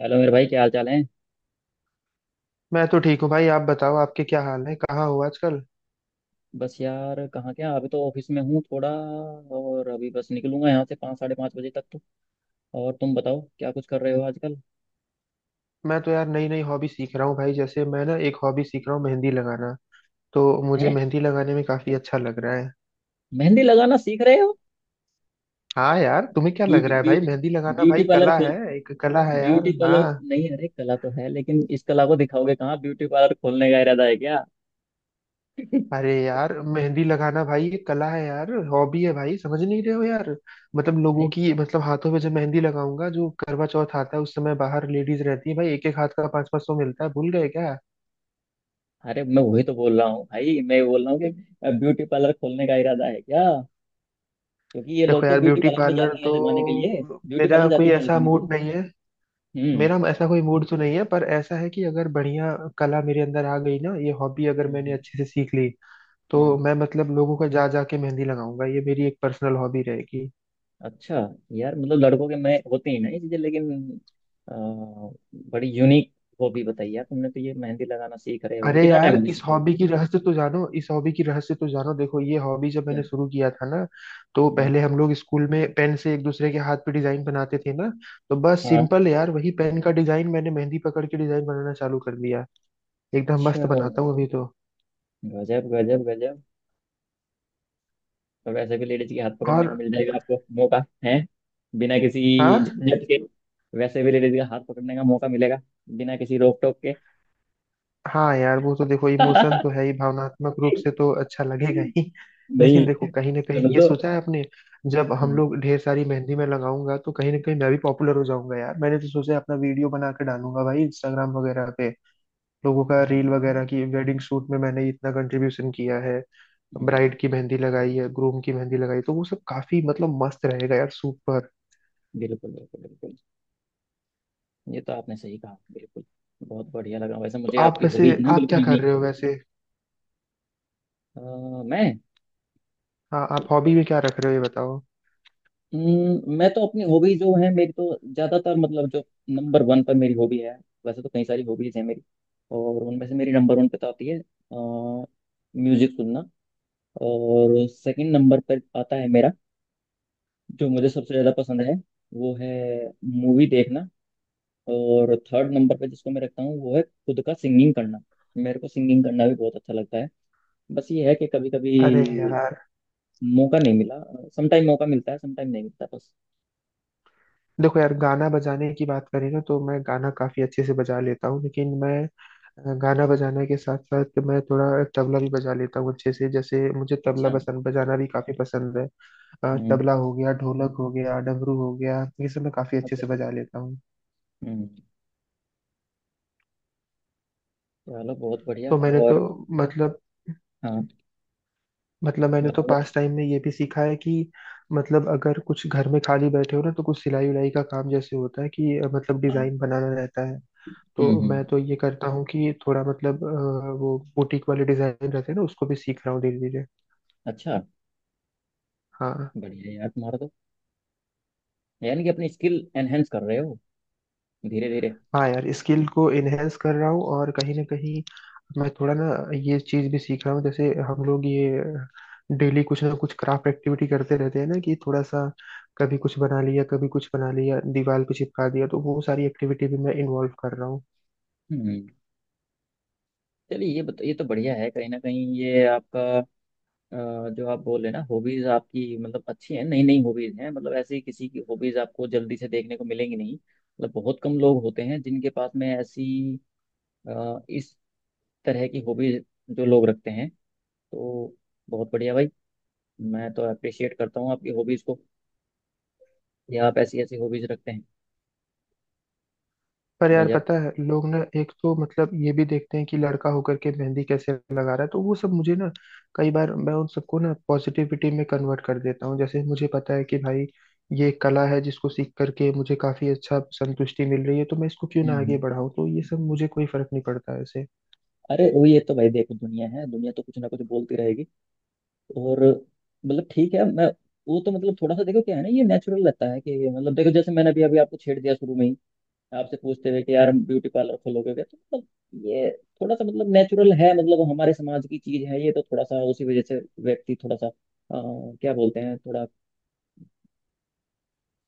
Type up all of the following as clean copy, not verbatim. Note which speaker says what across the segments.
Speaker 1: Hello मेरे भाई, क्या हाल चाल है?
Speaker 2: मैं तो ठीक हूँ भाई। आप बताओ, आपके क्या हाल है, कहाँ हो आजकल?
Speaker 1: बस यार, कहाँ क्या, अभी तो ऑफिस में हूँ थोड़ा। और अभी बस निकलूंगा यहाँ से पाँच साढ़े पाँच बजे तक तो। और तुम बताओ, क्या कुछ कर रहे हो आजकल?
Speaker 2: मैं तो यार नई नई हॉबी सीख रहा हूँ भाई। जैसे मैं ना एक हॉबी सीख रहा हूँ, मेहंदी लगाना। तो मुझे
Speaker 1: हैं?
Speaker 2: मेहंदी लगाने में काफी अच्छा लग रहा है।
Speaker 1: मेहंदी लगाना सीख रहे हो?
Speaker 2: हाँ यार, तुम्हें क्या लग
Speaker 1: ब्यूटी
Speaker 2: रहा है भाई?
Speaker 1: ब्यूटी
Speaker 2: मेहंदी लगाना
Speaker 1: ब्यूटी
Speaker 2: भाई
Speaker 1: पार्लर
Speaker 2: कला
Speaker 1: खोल।
Speaker 2: है, एक कला है यार,
Speaker 1: ब्यूटी पार्लर
Speaker 2: हाँ।
Speaker 1: नहीं, अरे कला तो है लेकिन इस कला को दिखाओगे कहाँ? ब्यूटी पार्लर खोलने का इरादा है क्या?
Speaker 2: अरे यार, मेहंदी लगाना भाई ये कला है यार, हॉबी है भाई, समझ नहीं रहे हो यार। मतलब लोगों
Speaker 1: अरे,
Speaker 2: की, मतलब हाथों पे जब मेहंदी लगाऊंगा, जो करवा चौथ आता है उस समय बाहर लेडीज रहती है भाई, एक एक हाथ का पाँच पाँच सौ मिलता है, भूल गए क्या?
Speaker 1: अरे मैं वही तो बोल रहा हूँ भाई, मैं बोल रहा हूँ कि ब्यूटी पार्लर खोलने का इरादा है क्या? क्योंकि ये लोग
Speaker 2: देखो
Speaker 1: तो
Speaker 2: यार,
Speaker 1: ब्यूटी
Speaker 2: ब्यूटी
Speaker 1: पार्लर में
Speaker 2: पार्लर
Speaker 1: जाते हैं
Speaker 2: तो
Speaker 1: लगवाने के लिए। ब्यूटी
Speaker 2: मेरा
Speaker 1: पार्लर जाती
Speaker 2: कोई
Speaker 1: हैं
Speaker 2: ऐसा
Speaker 1: लगवाने के लिए।
Speaker 2: मूड नहीं है।
Speaker 1: हम्म,
Speaker 2: मेरा ऐसा कोई मूड तो नहीं है, पर ऐसा है कि अगर बढ़िया कला मेरे अंदर आ गई ना, ये हॉबी अगर मैंने
Speaker 1: हम्म,
Speaker 2: अच्छे से सीख ली, तो
Speaker 1: हम्म।
Speaker 2: मैं मतलब लोगों का जा जा के मेहंदी लगाऊंगा, ये मेरी एक पर्सनल हॉबी रहेगी।
Speaker 1: अच्छा। यार मतलब लड़कों के में होती ही ना ये चीजें, लेकिन अ, बड़ी यूनिक हॉबी बताई यार तुमने, तो ये मेहंदी लगाना सीख रहे हो, अभी
Speaker 2: अरे
Speaker 1: कितना टाइम
Speaker 2: यार,
Speaker 1: हो गया
Speaker 2: इस
Speaker 1: सीखे हुए?
Speaker 2: हॉबी की रहस्य तो जानो, इस हॉबी की रहस्य तो जानो। देखो, ये हॉबी जब
Speaker 1: क्या?
Speaker 2: मैंने शुरू किया था ना, तो
Speaker 1: हम्म।
Speaker 2: पहले हम लोग स्कूल में पेन से एक दूसरे के हाथ पे डिजाइन बनाते थे ना, तो बस सिंपल यार, वही पेन का डिजाइन मैंने मेहंदी पकड़ के डिजाइन बनाना चालू कर दिया। एकदम
Speaker 1: अच्छा।
Speaker 2: मस्त बनाता हूँ अभी तो।
Speaker 1: गजब, गजब, गजब। तो वैसे भी लेडीज के हाथ पकड़ने को
Speaker 2: और
Speaker 1: मिल जाएगा, आपको मौका है। बिना किसी
Speaker 2: हाँ।
Speaker 1: झंझट के। वैसे भी लेडीज का हाथ पकड़ने का मौका मिलेगा। बिना किसी रोक टोक के।
Speaker 2: हाँ यार, वो तो देखो इमोशन तो है ही, भावनात्मक रूप से तो अच्छा लगेगा ही
Speaker 1: नहीं,
Speaker 2: लेकिन देखो, कहीं ना कहीं
Speaker 1: सुनो
Speaker 2: ये
Speaker 1: तो।
Speaker 2: सोचा है आपने? जब हम
Speaker 1: हम्म।
Speaker 2: लोग ढेर सारी मेहंदी में लगाऊंगा, तो कहीं ना कहीं मैं भी पॉपुलर हो जाऊंगा यार, मैंने तो सोचा है अपना वीडियो बना के डालूंगा भाई इंस्टाग्राम वगैरह पे। लोगों का रील वगैरह
Speaker 1: हाँ।
Speaker 2: की वेडिंग शूट में मैंने इतना कंट्रीब्यूशन किया है,
Speaker 1: हम्म।
Speaker 2: ब्राइड की मेहंदी लगाई है, ग्रूम की मेहंदी लगाई, तो वो सब काफी मतलब मस्त रहेगा यार, सुपर।
Speaker 1: बिल्कुल, बिल्कुल, बिल्कुल। ये तो आपने सही कहा, बिल्कुल। बहुत बढ़िया लगा वैसे
Speaker 2: तो
Speaker 1: मुझे
Speaker 2: आप
Speaker 1: आपकी
Speaker 2: वैसे,
Speaker 1: हॉबीज, ना
Speaker 2: आप
Speaker 1: बिल्कुल
Speaker 2: क्या कर
Speaker 1: यूनिक।
Speaker 2: रहे हो वैसे?
Speaker 1: मैं।
Speaker 2: हाँ, आप हॉबी में क्या रख रहे हो ये बताओ।
Speaker 1: मैं तो अपनी हॉबी जो है, मेरी तो ज्यादातर मतलब जो नंबर वन पर मेरी हॉबी है। वैसे तो कई सारी हॉबीज हैं मेरी। और उनमें से मेरी नंबर वन पे तो आती है म्यूजिक सुनना। और सेकंड नंबर पर आता है मेरा, जो मुझे सबसे ज्यादा पसंद है, वो है मूवी देखना। और थर्ड नंबर पे जिसको मैं रखता हूँ, वो है खुद का सिंगिंग करना। मेरे को सिंगिंग करना भी बहुत अच्छा लगता है। बस ये है कि कभी
Speaker 2: अरे
Speaker 1: कभी
Speaker 2: यार,
Speaker 1: मौका नहीं मिला। समटाइम मौका मिलता है, समटाइम नहीं मिलता, बस।
Speaker 2: देखो यार, गाना बजाने की बात करें ना, तो मैं गाना काफी अच्छे से बजा लेता हूँ, लेकिन मैं गाना बजाने के साथ साथ मैं थोड़ा तबला भी बजा लेता हूँ अच्छे से। जैसे मुझे तबला
Speaker 1: अच्छा।
Speaker 2: पसंद, बजाना भी काफी पसंद है।
Speaker 1: हम्म।
Speaker 2: तबला हो गया, ढोलक हो गया, डमरू हो गया, ये सब मैं काफी अच्छे
Speaker 1: अच्छा, अच्छा।
Speaker 2: से बजा लेता हूँ।
Speaker 1: हम्म। चलो, बहुत बढ़िया।
Speaker 2: तो मैंने तो
Speaker 1: और।
Speaker 2: मतलब
Speaker 1: हाँ।
Speaker 2: मतलब मैंने तो
Speaker 1: बताओ, बताओ।
Speaker 2: पास टाइम में ये भी सीखा है कि मतलब, अगर कुछ घर में खाली बैठे हो ना, तो कुछ सिलाई उलाई का काम जैसे होता है कि मतलब
Speaker 1: हाँ।
Speaker 2: डिजाइन बनाना रहता है।
Speaker 1: हम्म,
Speaker 2: तो मैं
Speaker 1: हम्म।
Speaker 2: तो ये करता हूँ कि थोड़ा मतलब वो बुटीक वाले डिजाइन रहते हैं ना, उसको भी सीख रहा हूँ धीरे धीरे।
Speaker 1: अच्छा।
Speaker 2: हाँ।
Speaker 1: बढ़िया यार तुम्हारा तो। यानी कि अपनी स्किल एनहेंस कर रहे हो धीरे धीरे।
Speaker 2: हाँ यार, स्किल को इनहेंस कर रहा हूँ, और कहीं ना कहीं मैं थोड़ा ना ये चीज भी सीख रहा हूँ, जैसे हम लोग ये डेली कुछ ना कुछ क्राफ्ट एक्टिविटी करते रहते हैं ना, कि थोड़ा सा कभी कुछ बना लिया कभी कुछ बना लिया दीवार पे चिपका दिया, तो वो सारी एक्टिविटी भी मैं इन्वॉल्व कर रहा हूँ।
Speaker 1: हम्म। चलिए ये बता, ये तो बढ़िया है, कहीं ना कहीं ये आपका अ, जो आप बोल रहे हैं ना हॉबीज आपकी, मतलब अच्छी हैं, नई नई हॉबीज हैं, मतलब ऐसी किसी की हॉबीज आपको जल्दी से देखने को मिलेंगी नहीं, मतलब बहुत कम लोग होते हैं जिनके पास में ऐसी इस तरह की हॉबीज जो लोग रखते हैं, तो बहुत बढ़िया भाई। मैं तो अप्रिशिएट करता हूँ आपकी हॉबीज को, कि आप ऐसी ऐसी हॉबीज रखते हैं।
Speaker 2: पर यार,
Speaker 1: गजब।
Speaker 2: पता है लोग ना एक तो मतलब ये भी देखते हैं कि लड़का होकर के मेहंदी कैसे लगा रहा है, तो वो सब मुझे ना कई बार मैं उन सबको ना पॉजिटिविटी में कन्वर्ट कर देता हूँ। जैसे मुझे पता है कि भाई ये कला है, जिसको सीख करके मुझे काफी अच्छा संतुष्टि मिल रही है, तो मैं इसको क्यों
Speaker 1: हम्म,
Speaker 2: ना आगे बढ़ाऊँ, तो ये सब मुझे कोई फर्क नहीं पड़ता, ऐसे
Speaker 1: अरे वो, ये तो भाई देखो, दुनिया है, दुनिया तो कुछ ना कुछ बोलती रहेगी। और मतलब ठीक है, मैं वो तो, मतलब थोड़ा सा देखो, क्या है ना, ये नेचुरल लगता है कि, मतलब देखो, जैसे मैंने अभी अभी आपको छेड़ दिया शुरू में ही, आपसे पूछते हुए कि यार, हम ब्यूटी पार्लर खोलोगे क्या, तो मतलब ये थोड़ा सा मतलब नेचुरल है, मतलब हमारे समाज की चीज है ये, तो थोड़ा सा उसी वजह से व्यक्ति थोड़ा सा क्या बोलते हैं, थोड़ा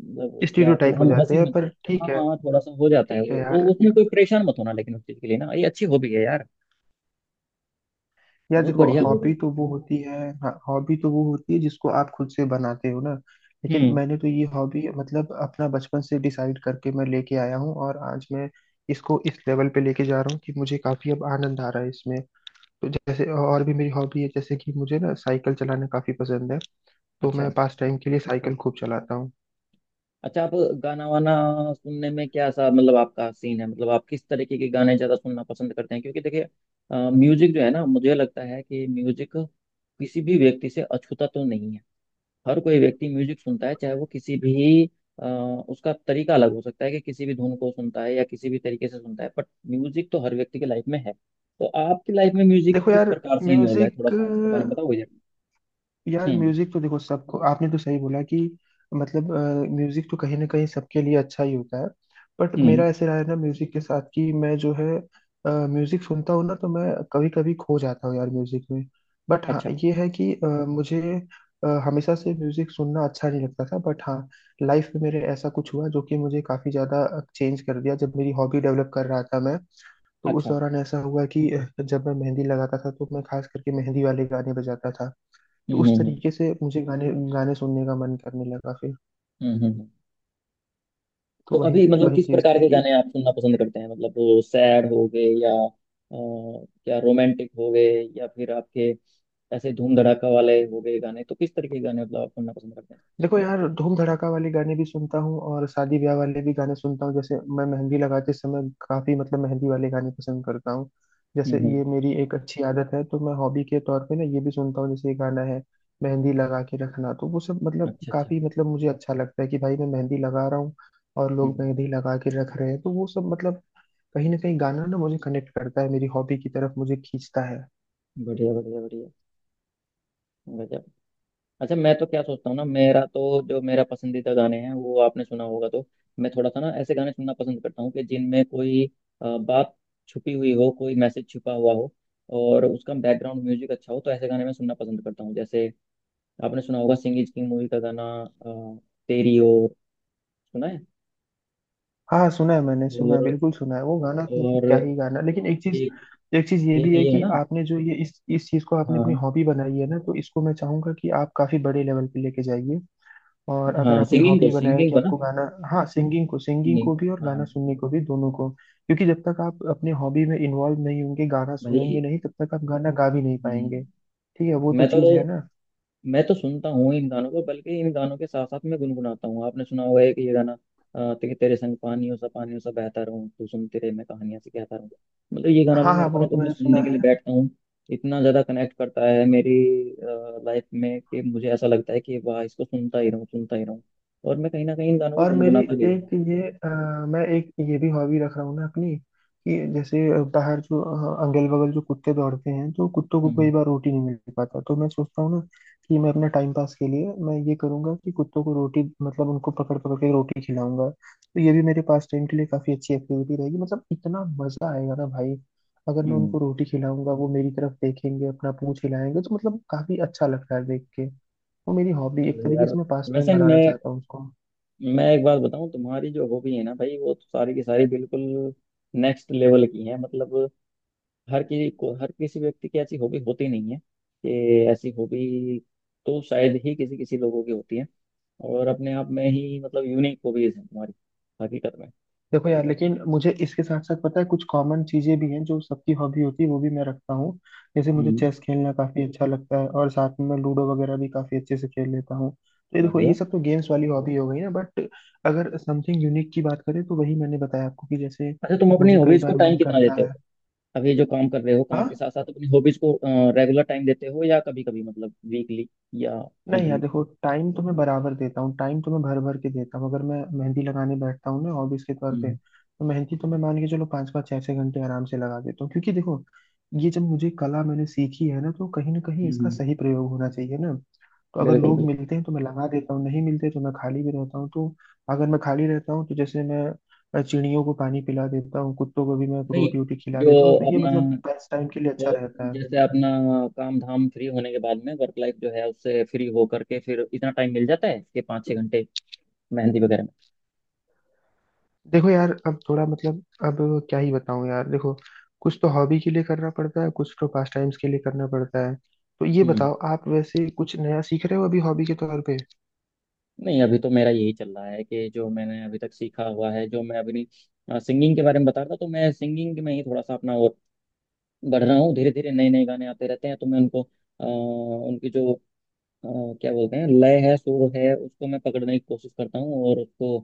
Speaker 1: मतलब क्या, थोड़ा
Speaker 2: स्टीरियोटाइप हो
Speaker 1: हम
Speaker 2: जाते
Speaker 1: हंसी
Speaker 2: हैं
Speaker 1: मत।
Speaker 2: पर
Speaker 1: हाँ,
Speaker 2: ठीक है।
Speaker 1: हाँ, थोड़ा सा हो जाता है,
Speaker 2: ठीक
Speaker 1: वो
Speaker 2: है यार
Speaker 1: वो उसमें कोई परेशान मत होना, लेकिन उस चीज के लिए ना ये अच्छी हॉबी है यार।
Speaker 2: यार
Speaker 1: बहुत
Speaker 2: देखो,
Speaker 1: बढ़िया हॉबी
Speaker 2: हॉबी
Speaker 1: है।
Speaker 2: तो वो होती है, हाँ, हॉबी तो वो होती है जिसको आप खुद से बनाते हो ना। लेकिन
Speaker 1: हम्म।
Speaker 2: मैंने तो ये हॉबी मतलब अपना बचपन से डिसाइड करके मैं लेके आया हूँ, और आज मैं इसको इस लेवल पे लेके जा रहा हूँ कि मुझे काफी अब आनंद आ रहा है इसमें। तो जैसे और भी मेरी हॉबी है, जैसे कि मुझे ना साइकिल चलाना काफी पसंद है, तो
Speaker 1: अच्छा,
Speaker 2: मैं पास टाइम के लिए साइकिल खूब चलाता हूँ।
Speaker 1: अच्छा। आप गाना वाना सुनने में क्या सा, मतलब आपका सीन है, मतलब आप किस तरीके के गाने ज़्यादा सुनना पसंद करते हैं? क्योंकि देखिए, म्यूजिक जो है ना, मुझे लगता है कि म्यूजिक किसी भी व्यक्ति से अछूता तो नहीं है। हर कोई व्यक्ति म्यूजिक सुनता है, चाहे वो किसी भी अ, उसका तरीका अलग हो सकता है, कि किसी भी धुन को सुनता है या किसी भी तरीके से सुनता है, बट म्यूजिक तो हर व्यक्ति की लाइफ में है, तो आपकी लाइफ में म्यूजिक
Speaker 2: देखो
Speaker 1: किस
Speaker 2: यार,
Speaker 1: प्रकार से इन्वॉल्व है, थोड़ा
Speaker 2: म्यूजिक,
Speaker 1: सा इसके बारे में बताओ मुझे।
Speaker 2: यार
Speaker 1: हम्म,
Speaker 2: म्यूजिक तो देखो सबको, आपने तो सही बोला कि मतलब म्यूजिक तो कहीं ना कहीं सबके लिए अच्छा ही होता है। बट
Speaker 1: हम्म,
Speaker 2: मेरा ऐसे रहा है ना म्यूजिक के साथ, कि मैं जो है म्यूजिक सुनता हूँ ना, तो मैं कभी कभी खो जाता हूँ यार म्यूजिक में। बट हाँ,
Speaker 1: अच्छा,
Speaker 2: ये है कि मुझे हमेशा से म्यूजिक सुनना अच्छा नहीं लगता था, बट हाँ, लाइफ में मेरे ऐसा कुछ हुआ जो कि मुझे काफी ज्यादा चेंज कर दिया, जब मेरी हॉबी डेवलप कर रहा था मैं। तो उस
Speaker 1: अच्छा,
Speaker 2: दौरान ऐसा हुआ कि जब मैं मेहंदी लगाता था, तो मैं खास करके मेहंदी वाले गाने बजाता था।
Speaker 1: हम्म,
Speaker 2: तो उस
Speaker 1: हम्म, हम्म,
Speaker 2: तरीके से मुझे गाने गाने सुनने का मन करने लगा फिर।
Speaker 1: हम्म, हम्म।
Speaker 2: तो
Speaker 1: तो
Speaker 2: वही
Speaker 1: अभी मतलब
Speaker 2: वही
Speaker 1: किस
Speaker 2: चीज
Speaker 1: प्रकार
Speaker 2: थी
Speaker 1: के
Speaker 2: कि
Speaker 1: गाने आप सुनना पसंद करते हैं, मतलब वो सैड हो गए, या क्या रोमांटिक हो गए, या फिर आपके ऐसे धूम धड़ाका वाले हो गए गाने? तो किस तरीके के गाने मतलब आप सुनना पसंद करते हैं?
Speaker 2: देखो यार, धूम धड़ाका वाले गाने भी सुनता हूँ और शादी ब्याह वाले भी गाने सुनता हूँ। जैसे मैं मेहंदी लगाते समय काफी मतलब मेहंदी वाले गाने पसंद करता हूँ,
Speaker 1: हम्म,
Speaker 2: जैसे ये मेरी एक अच्छी आदत है, तो मैं हॉबी के तौर पे ना ये भी सुनता हूँ, जैसे ये गाना है, मेहंदी लगा के रखना, तो वो सब मतलब
Speaker 1: अच्छा, अच्छा,
Speaker 2: काफी
Speaker 1: हम्म,
Speaker 2: मतलब मुझे अच्छा लगता है कि भाई मैं मेहंदी लगा रहा हूँ, और लोग
Speaker 1: हम्म।
Speaker 2: मेहंदी लगा के रख रहे हैं, तो वो सब मतलब कहीं ना कहीं गाना ना मुझे कनेक्ट करता है मेरी हॉबी की तरफ, मुझे खींचता है।
Speaker 1: बढ़िया, बढ़िया, बढ़िया। गजब। अच्छा, मैं तो क्या सोचता हूँ ना, मेरा तो जो मेरा पसंदीदा गाने हैं वो आपने सुना होगा, तो मैं थोड़ा सा ना ऐसे गाने सुनना पसंद करता हूँ कि जिनमें कोई बात छुपी हुई हो, कोई मैसेज छुपा हुआ हो, और उसका बैकग्राउंड म्यूजिक अच्छा हो, तो ऐसे गाने मैं सुनना पसंद करता हूँ। जैसे आपने सुना होगा सिंह इज किंग मूवी का गाना, अ, तेरी ओर। सुना है?
Speaker 2: हाँ सुना है, मैंने सुना है,
Speaker 1: और
Speaker 2: बिल्कुल सुना है वो गाना, तो मतलब
Speaker 1: और
Speaker 2: क्या ही गाना। लेकिन एक चीज
Speaker 1: एक
Speaker 2: एक चीज ये
Speaker 1: एक
Speaker 2: भी है
Speaker 1: ये है
Speaker 2: कि
Speaker 1: ना।
Speaker 2: आपने जो ये इस चीज को आपने अपनी
Speaker 1: हाँ,
Speaker 2: हॉबी बनाई है ना, तो इसको मैं चाहूंगा कि आप काफी बड़े लेवल पे लेके जाइए, और अगर
Speaker 1: हाँ
Speaker 2: आपने
Speaker 1: सिंगिंग को,
Speaker 2: हॉबी बनाया है
Speaker 1: सिंगिंग
Speaker 2: कि
Speaker 1: को ना।
Speaker 2: आपको गाना, हाँ, सिंगिंग
Speaker 1: सिंगिंग
Speaker 2: को
Speaker 1: को,
Speaker 2: भी और गाना
Speaker 1: हाँ।
Speaker 2: सुनने को भी, दोनों को, क्योंकि जब तक आप अपने हॉबी में इन्वॉल्व नहीं होंगे, गाना
Speaker 1: भाई।
Speaker 2: सुनेंगे नहीं, तब तक आप गाना गा भी नहीं पाएंगे,
Speaker 1: हम्म,
Speaker 2: ठीक है, वो तो
Speaker 1: मैं तो
Speaker 2: चीज है ना।
Speaker 1: मैं तो सुनता हूँ इन गानों को, बल्कि इन गानों के साथ साथ मैं गुनगुनाता हूँ। आपने सुना होगा एक ये गाना, कि तेरे संग पानियों सा बहता रहूं, तू सुनते रहे मैं कहानियां से कहता रहूँ। मतलब ये गाना भी
Speaker 2: हाँ हाँ,
Speaker 1: मेरे को ना,
Speaker 2: वो तो
Speaker 1: जब मैं
Speaker 2: मैंने सुना
Speaker 1: सुनने के लिए
Speaker 2: है।
Speaker 1: बैठता हूँ, इतना ज्यादा कनेक्ट करता है मेरी लाइफ में, कि मुझे ऐसा लगता है कि वाह, इसको सुनता ही रहूँ, सुनता ही रहूँ। और मैं कहीं ना कहीं इन गानों को
Speaker 2: और मेरी
Speaker 1: गुनगुनाता भी हूँ।
Speaker 2: एक ये मैं एक ये भी हॉबी रख रहा हूँ ना अपनी, कि जैसे बाहर जो अगल बगल जो कुत्ते दौड़ते हैं, तो कुत्तों को
Speaker 1: हम्म,
Speaker 2: कई बार रोटी नहीं मिल पाता, तो मैं सोचता हूँ ना कि मैं अपना टाइम पास के लिए मैं ये करूंगा कि कुत्तों को रोटी, मतलब उनको पकड़ पकड़ के रोटी खिलाऊंगा, तो ये भी मेरे पास टाइम के लिए काफी अच्छी एक्टिविटी रहेगी। मतलब इतना मजा आएगा ना भाई, अगर मैं
Speaker 1: हम्म,
Speaker 2: उनको रोटी खिलाऊंगा, वो मेरी तरफ देखेंगे, अपना पूंछ हिलाएंगे, तो मतलब काफी अच्छा लगता है देख के, वो मेरी हॉबी एक
Speaker 1: चलो
Speaker 2: तरीके
Speaker 1: यार।
Speaker 2: से मैं पास टाइम
Speaker 1: वैसे मैं
Speaker 2: बनाना चाहता हूँ उसको।
Speaker 1: मैं एक बात बताऊँ, तुम्हारी जो हॉबी है ना भाई, वो तो सारी की सारी बिल्कुल नेक्स्ट लेवल की है, मतलब हर किसी को, हर किसी व्यक्ति की ऐसी हॉबी होती नहीं है। कि ऐसी हॉबी तो शायद ही किसी किसी लोगों की होती है। और अपने आप में ही मतलब यूनिक हॉबीज है तुम्हारी, हकीकत में।
Speaker 2: देखो यार, लेकिन मुझे इसके साथ साथ पता है कुछ कॉमन चीजें भी हैं जो सबकी हॉबी होती है, वो भी मैं रखता हूँ। जैसे मुझे
Speaker 1: हम्म,
Speaker 2: चेस खेलना काफी अच्छा लगता है, और साथ में मैं लूडो वगैरह भी काफी अच्छे से खेल लेता हूँ, तो ये देखो
Speaker 1: बढ़िया।
Speaker 2: ये सब तो गेम्स वाली हॉबी हो गई ना, बट अगर समथिंग यूनिक की बात करें, तो वही मैंने बताया आपको कि जैसे
Speaker 1: अच्छा, तुम अपनी
Speaker 2: मुझे कई
Speaker 1: हॉबीज को
Speaker 2: बार
Speaker 1: टाइम
Speaker 2: मन
Speaker 1: कितना देते
Speaker 2: करता
Speaker 1: हो?
Speaker 2: है।
Speaker 1: अब ये जो काम कर रहे हो, काम
Speaker 2: हाँ।
Speaker 1: के साथ साथ अपनी हॉबीज को रेगुलर टाइम देते हो, या कभी कभी मतलब वीकली या
Speaker 2: नहीं यार,
Speaker 1: मंथली?
Speaker 2: देखो टाइम तो मैं बराबर देता हूँ, टाइम तो मैं भर भर के देता हूँ। अगर मैं मेहंदी लगाने बैठता हूँ ना हॉबीज के तौर पे,
Speaker 1: हम्म,
Speaker 2: तो मेहंदी तो मैं मान के चलो पाँच पाँच छः छः घंटे आराम से लगा देता हूँ, क्योंकि देखो ये जब मुझे कला मैंने सीखी है ना, तो कहीं ना कहीं इसका
Speaker 1: हम्म,
Speaker 2: सही प्रयोग होना चाहिए ना, तो अगर
Speaker 1: बिल्कुल,
Speaker 2: लोग
Speaker 1: बिल्कुल।
Speaker 2: मिलते हैं तो मैं लगा देता हूँ, नहीं मिलते तो मैं खाली भी रहता हूँ। तो अगर मैं खाली रहता हूँ, तो जैसे मैं चिड़ियों को पानी पिला देता हूँ, कुत्तों को भी मैं
Speaker 1: नहीं,
Speaker 2: रोटी वोटी खिला
Speaker 1: जो
Speaker 2: देता हूँ, तो ये
Speaker 1: अपना,
Speaker 2: मतलब पास टाइम के लिए
Speaker 1: तो
Speaker 2: अच्छा रहता है।
Speaker 1: जैसे अपना काम धाम फ्री होने के बाद में, वर्क लाइफ जो है उससे फ्री हो करके, फिर इतना टाइम मिल जाता है कि 5-6 घंटे मेहंदी वगैरह में।
Speaker 2: देखो यार, अब थोड़ा मतलब अब क्या ही बताऊं यार, देखो कुछ तो हॉबी के लिए करना पड़ता है, कुछ तो पास टाइम्स के लिए करना पड़ता है। तो ये
Speaker 1: हम्म।
Speaker 2: बताओ, आप वैसे कुछ नया सीख रहे हो अभी हॉबी के तौर पे?
Speaker 1: नहीं, अभी तो मेरा यही चल रहा है कि जो मैंने अभी तक सीखा हुआ है, जो मैं अभी नहीं, सिंगिंग के बारे में बता रहा था, तो मैं सिंगिंग में ही थोड़ा सा अपना और बढ़ रहा हूँ धीरे धीरे। नए नए गाने आते रहते हैं, तो मैं उनको अ, उनकी जो अ, क्या बोलते हैं, लय है सुर है, उसको मैं पकड़ने की कोशिश करता हूँ, और उसको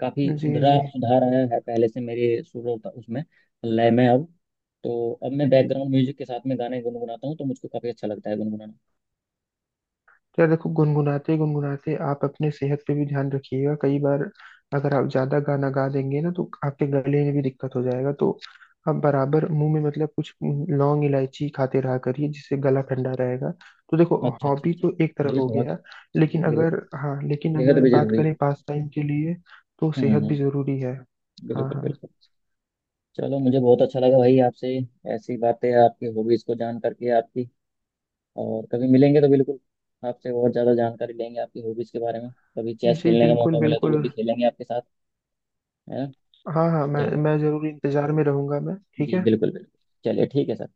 Speaker 1: काफी
Speaker 2: जी
Speaker 1: सुधरा,
Speaker 2: जी।
Speaker 1: सुधार आया है पहले से मेरे सुर और उसमें लय में अब। तो अब मैं बैकग्राउंड म्यूजिक के साथ में गाने गुनगुनाता हूँ, तो मुझको काफी अच्छा लगता है गुनगुनाना।
Speaker 2: यार देखो, गुनगुनाते गुनगुनाते आप अपने सेहत पे भी ध्यान रखिएगा, कई बार अगर आप ज्यादा गाना गा देंगे ना, तो आपके गले में भी दिक्कत हो जाएगा, तो आप बराबर मुंह में मतलब कुछ लौंग इलायची खाते रहा करिए, जिससे गला ठंडा रहेगा। तो देखो,
Speaker 1: अच्छा, अच्छा,
Speaker 2: हॉबी
Speaker 1: अच्छा,
Speaker 2: तो एक तरफ
Speaker 1: चलिए
Speaker 2: हो
Speaker 1: बहुत,
Speaker 2: गया, लेकिन अगर,
Speaker 1: बिल्कुल,
Speaker 2: हाँ लेकिन
Speaker 1: बेहद
Speaker 2: अगर
Speaker 1: भी
Speaker 2: बात
Speaker 1: जरूरी है।
Speaker 2: करें पास टाइम के लिए, तो
Speaker 1: हम्म,
Speaker 2: सेहत भी जरूरी है। हाँ
Speaker 1: बिल्कुल,
Speaker 2: हाँ।
Speaker 1: बिल्कुल। चलो, मुझे बहुत अच्छा लगा भाई आपसे ऐसी बातें, आपकी हॉबीज को जान करके आपकी। और कभी मिलेंगे तो बिल्कुल आपसे और ज्यादा जानकारी लेंगे आपकी हॉबीज के बारे में। कभी चेस
Speaker 2: जी
Speaker 1: खेलने का
Speaker 2: बिल्कुल
Speaker 1: मौका मिला तो वो
Speaker 2: बिल्कुल।
Speaker 1: भी खेलेंगे आपके साथ, है ना?
Speaker 2: हाँ हाँ, मैं
Speaker 1: चलो,
Speaker 2: मैं जरूर इंतजार में रहूंगा मैं, ठीक
Speaker 1: जी
Speaker 2: है।
Speaker 1: बिल्कुल, बिल्कुल। चलिए ठीक है सर,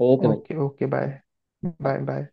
Speaker 1: ओके भाई।
Speaker 2: Okay, okay bye. Bye
Speaker 1: bye।
Speaker 2: Bye.